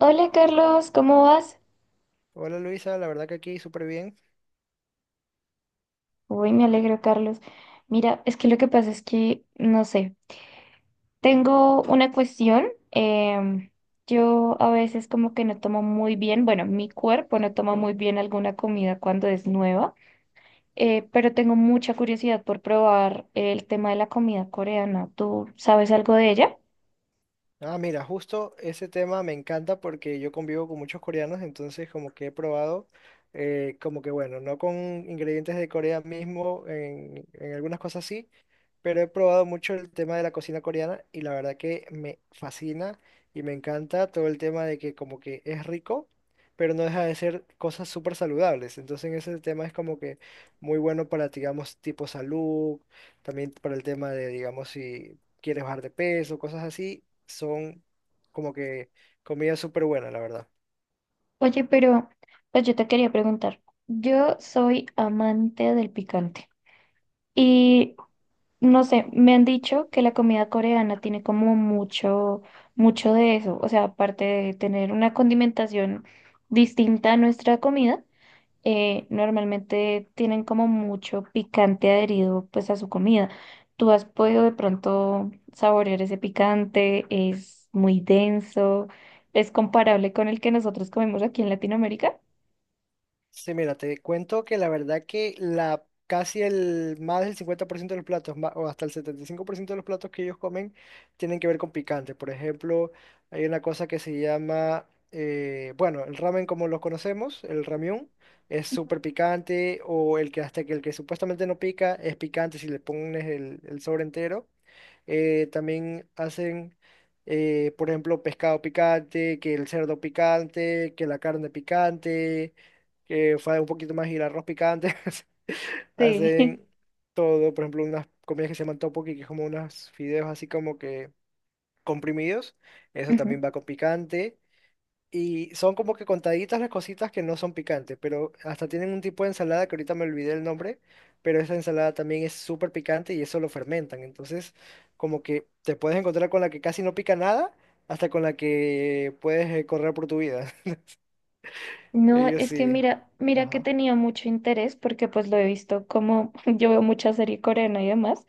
Hola Carlos, ¿cómo vas? Hola Luisa, la verdad que aquí súper bien. Uy, me alegro, Carlos. Mira, es que lo que pasa es que, no sé, tengo una cuestión. Yo a veces como que no tomo muy bien, bueno, mi cuerpo no toma muy bien alguna comida cuando es nueva, pero tengo mucha curiosidad por probar el tema de la comida coreana. ¿Tú sabes algo de ella? Ah, mira, justo ese tema me encanta porque yo convivo con muchos coreanos, entonces como que he probado, como que bueno, no con ingredientes de Corea mismo, en algunas cosas sí, pero he probado mucho el tema de la cocina coreana y la verdad que me fascina y me encanta todo el tema de que como que es rico, pero no deja de ser cosas súper saludables. Entonces ese tema es como que muy bueno para, digamos, tipo salud. También para el tema de, digamos, si quieres bajar de peso, cosas así, son como que comida súper buena, la verdad. Oye, pero pues yo te quería preguntar, yo soy amante del picante. Y No sé, me han dicho que la comida coreana tiene como mucho, mucho de eso. O sea, aparte de tener una condimentación distinta a nuestra comida, normalmente tienen como mucho picante adherido pues a su comida. ¿Tú has podido de pronto saborear ese picante? ¿Es muy denso? ¿Es comparable con el que nosotros comemos aquí en Latinoamérica? Sí, mira, te cuento que la verdad que la casi el más del 50% de los platos, o hasta el 75% de los platos que ellos comen, tienen que ver con picante. Por ejemplo, hay una cosa que se llama, bueno, el ramen como lo conocemos, el ramyun, es súper picante, o el que hasta que el que supuestamente no pica es picante si le pones el sobre entero. También hacen, por ejemplo, pescado picante, que el cerdo picante, que la carne picante, que fue un poquito más y el arroz picante. Sí. Hacen todo, por ejemplo, unas comidas que se llaman tteokbokki, que es como unos fideos así como que comprimidos. Eso también va con picante. Y son como que contaditas las cositas que no son picantes, pero hasta tienen un tipo de ensalada que ahorita me olvidé el nombre, pero esa ensalada también es súper picante y eso lo fermentan. Entonces, como que te puedes encontrar con la que casi no pica nada, hasta con la que puedes correr por tu vida. No, Ellos es que sí. mira, mira que Ajá. tenía mucho interés porque pues lo he visto como yo veo mucha serie coreana y demás,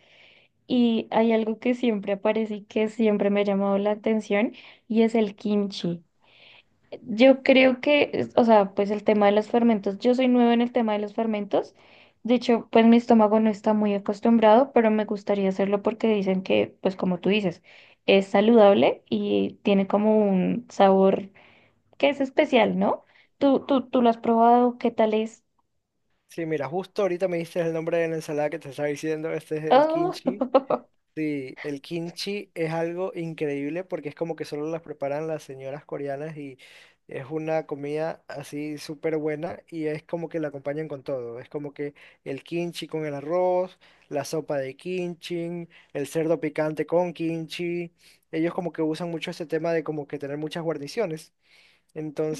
y hay algo que siempre aparece y que siempre me ha llamado la atención y es el kimchi. Yo creo que, es- o sea, pues el tema de los fermentos, yo soy nueva en el tema de los fermentos, de hecho pues mi estómago no está muy acostumbrado, pero me gustaría hacerlo porque dicen que pues como tú dices, es saludable y tiene como un sabor que es especial, ¿no? Tú lo has probado, ¿qué tal es? Sí, mira, justo ahorita me diste el nombre de la ensalada que te estaba diciendo, este es el Oh. kimchi. Sí, el kimchi es algo increíble porque es como que solo las preparan las señoras coreanas y es una comida así súper buena y es como que la acompañan con todo. Es como que el kimchi con el arroz, la sopa de kimchi, el cerdo picante con kimchi. Ellos como que usan mucho ese tema de como que tener muchas guarniciones.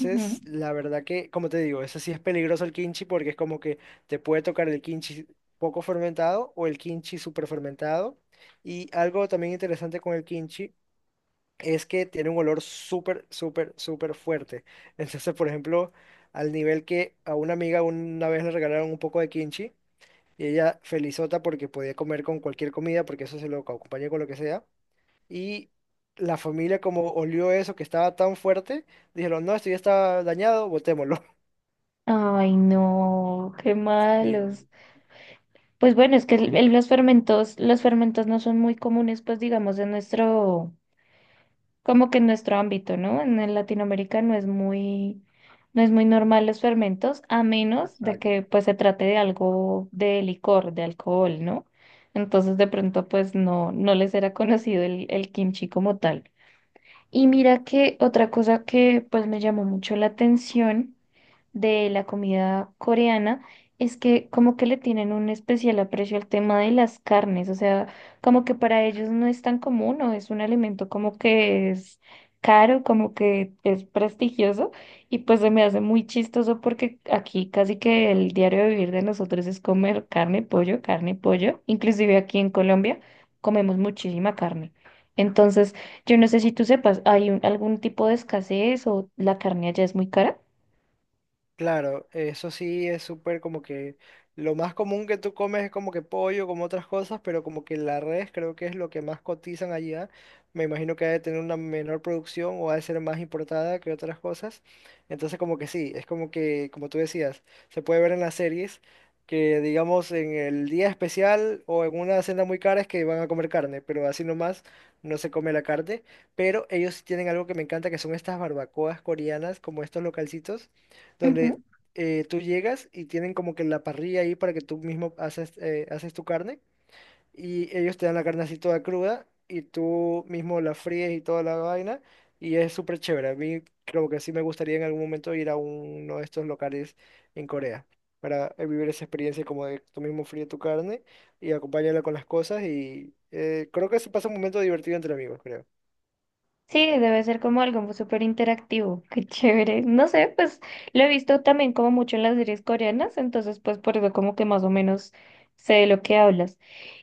Ujú. la verdad que, como te digo, eso sí es peligroso el kimchi porque es como que te puede tocar el kimchi poco fermentado o el kimchi súper fermentado. Y algo también interesante con el kimchi es que tiene un olor súper, súper, súper fuerte. Entonces, por ejemplo, al nivel que a una amiga una vez le regalaron un poco de kimchi y ella felizota porque podía comer con cualquier comida porque eso se lo acompaña con lo que sea. Y la familia como olió eso que estaba tan fuerte, dijeron, no, esto ya está dañado, botémoslo. Ay, no, qué Y- malos. Pues bueno, es que el- los fermentos no son muy comunes, pues digamos, en nuestro, como que en nuestro ámbito, ¿no? En Latinoamérica no es muy, no es muy normal los fermentos, a menos de Exacto. que pues se trate de algo de licor, de alcohol, ¿no? Entonces de pronto pues no, no les era conocido el kimchi como tal. Y mira que otra cosa que pues me llamó mucho la atención de la comida coreana es que como que le tienen un especial aprecio al tema de las carnes, o sea, como que para ellos no es tan común o es un alimento como que es caro, como que es prestigioso y pues se me hace muy chistoso porque aquí casi que el diario de vivir de nosotros es comer carne, pollo, inclusive aquí en Colombia comemos muchísima carne. Entonces, yo no sé si tú sepas, ¿hay un- algún tipo de escasez o la carne allá es muy cara? Claro, eso sí es súper como que lo más común que tú comes es como que pollo, como otras cosas, pero como que la res creo que es lo que más cotizan allá. Me imagino que ha de tener una menor producción o ha de ser más importada que otras cosas. Entonces como que sí, es como que, como tú decías, se puede ver en las series que digamos en el día especial o en una cena muy cara es que van a comer carne, pero así nomás no se come la carne. Pero ellos sí tienen algo que me encanta que son estas barbacoas coreanas, como estos localcitos donde tú llegas y tienen como que la parrilla ahí para que tú mismo haces, haces tu carne y ellos te dan la carne así toda cruda y tú mismo la fríes y toda la vaina y es súper chévere. A mí creo que sí me gustaría en algún momento ir a uno de estos locales en Corea para vivir esa experiencia como de tú mismo fríes tu carne y acompañarla con las cosas y creo que se pasa un momento divertido entre amigos, creo. Sí, debe ser como algo súper interactivo. Qué chévere. No sé, pues lo he visto también como mucho en las series coreanas, entonces pues por eso como que más o menos sé de lo que hablas.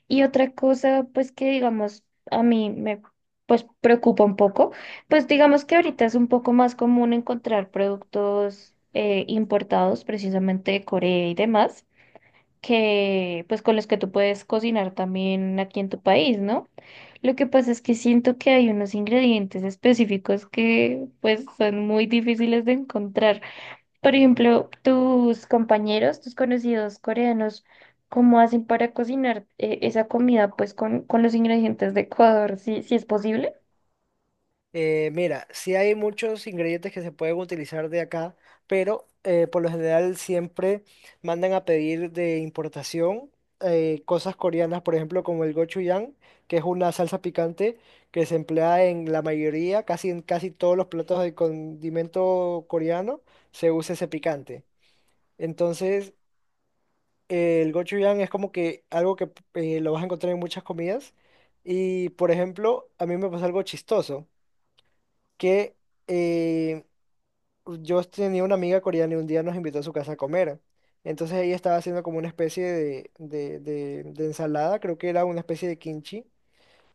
Y otra cosa, pues que digamos, a mí me pues preocupa un poco, pues digamos que ahorita es un poco más común encontrar productos importados precisamente de Corea y demás, que pues con los que tú puedes cocinar también aquí en tu país, ¿no? Lo que pasa es que siento que hay unos ingredientes específicos que pues son muy difíciles de encontrar. Por ejemplo, tus compañeros, tus conocidos coreanos, ¿cómo hacen para cocinar esa comida pues con los ingredientes de Ecuador? ¿Sí, sí es posible? Mira, sí hay muchos ingredientes que se pueden utilizar de acá, pero por lo general siempre mandan a pedir de importación cosas coreanas, por ejemplo, como el gochujang, que es una salsa picante que se emplea en la mayoría, casi en casi todos los platos de condimento coreano, se usa ese picante. Entonces, el gochujang es como que algo que lo vas a encontrar en muchas comidas. Y, por ejemplo, a mí me pasó algo chistoso que eh, yo tenía una amiga coreana y un día nos invitó a su casa a comer. Entonces ella estaba haciendo como una especie de, de ensalada, creo que era una especie de kimchi,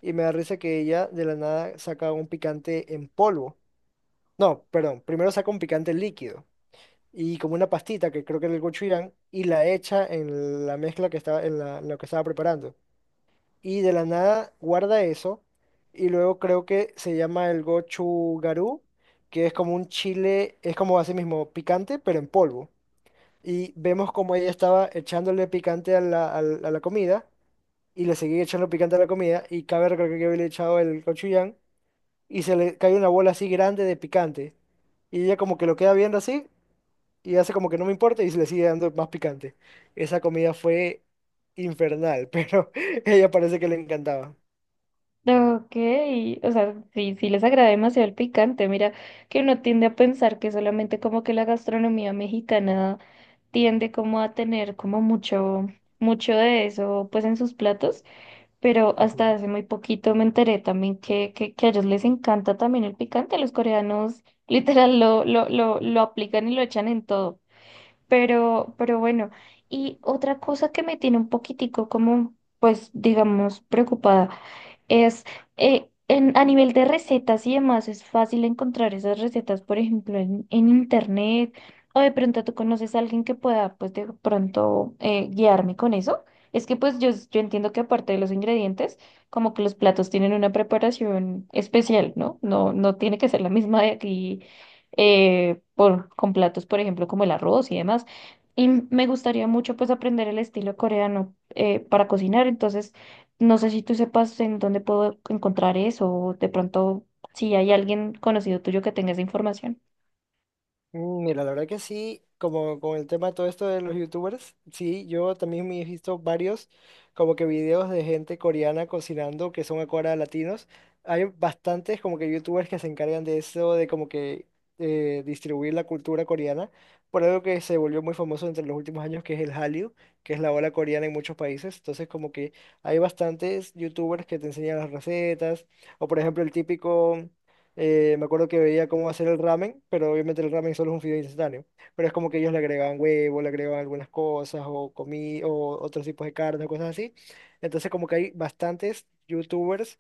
y me da risa que ella de la nada saca un picante en polvo. No, perdón, primero saca un picante líquido y como una pastita que creo que era el gochujang y la echa en la mezcla que estaba en, en lo que estaba preparando y de la nada guarda eso. Y luego creo que se llama el gochugaru, que es como un chile, es como así mismo, picante, pero en polvo. Y vemos como ella estaba echándole picante a a la comida, y le seguía echando picante a la comida, y cabe recalcar que yo había echado el gochujang, y se le cae una bola así grande de picante. Y ella como que lo queda viendo así, y hace como que no me importa, y se le sigue dando más picante. Esa comida fue infernal, pero ella parece que le encantaba. Ok, o sea, sí, sí les agrada demasiado el picante. Mira, que uno tiende a pensar que solamente como que la gastronomía mexicana tiende como a tener como mucho, mucho de eso pues en sus platos. Pero hasta hace muy poquito me enteré también que a ellos les encanta también el picante. Los coreanos literal lo aplican y lo echan en todo. Pero bueno, y otra cosa que me tiene un poquitico como, pues, digamos, preocupada. Es a nivel de recetas y demás, es fácil encontrar esas recetas, por ejemplo, en internet, o de pronto tú conoces a alguien que pueda, pues de pronto guiarme con eso. Es que pues yo entiendo que aparte de los ingredientes, como que los platos tienen una preparación especial, ¿no? No, no tiene que ser la misma de aquí con platos, por ejemplo, como el arroz y demás. Y me gustaría mucho pues aprender el estilo coreano para cocinar, entonces... No sé si tú sepas en dónde puedo encontrar eso o de pronto si hay alguien conocido tuyo que tenga esa información. Mm, mira, la verdad que sí, como con el tema todo esto de los youtubers, sí, yo también me he visto varios como que videos de gente coreana cocinando que son ahora latinos. Hay bastantes como que youtubers que se encargan de eso, de como que distribuir la cultura coreana, por algo que se volvió muy famoso entre los últimos años, que es el Hallyu, que es la ola coreana en muchos países. Entonces como que hay bastantes youtubers que te enseñan las recetas, o por ejemplo el típico... Me acuerdo que veía cómo hacer el ramen, pero obviamente el ramen solo es un fideo instantáneo. Pero es como que ellos le agregaban huevo, le agregaban algunas cosas, o otros tipos de carne, o cosas así. Entonces, como que hay bastantes youtubers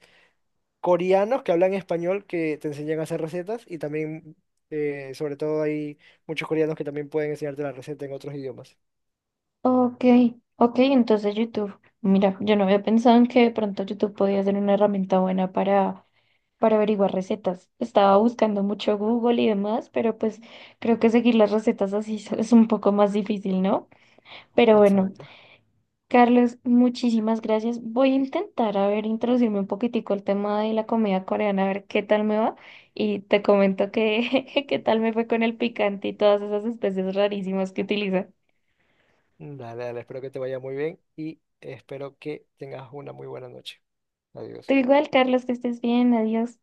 coreanos que hablan español que te enseñan a hacer recetas y también, sobre todo, hay muchos coreanos que también pueden enseñarte la receta en otros idiomas. Ok, ok, entonces YouTube. Mira, yo no había pensado en que de pronto YouTube podía ser una herramienta buena para averiguar recetas. Estaba buscando mucho Google y demás, pero pues creo que seguir las recetas así es un poco más difícil, ¿no? Pero bueno, Exacto. Carlos, muchísimas gracias. Voy a intentar, a ver, introducirme un poquitico al tema de la comida coreana, a ver qué tal me va. Y te comento que qué tal me fue con el picante y todas esas especies rarísimas que utiliza. Dale, dale, espero que te vaya muy bien y espero que tengas una muy buena noche. Tú Adiós. igual, Carlos, que estés bien, adiós.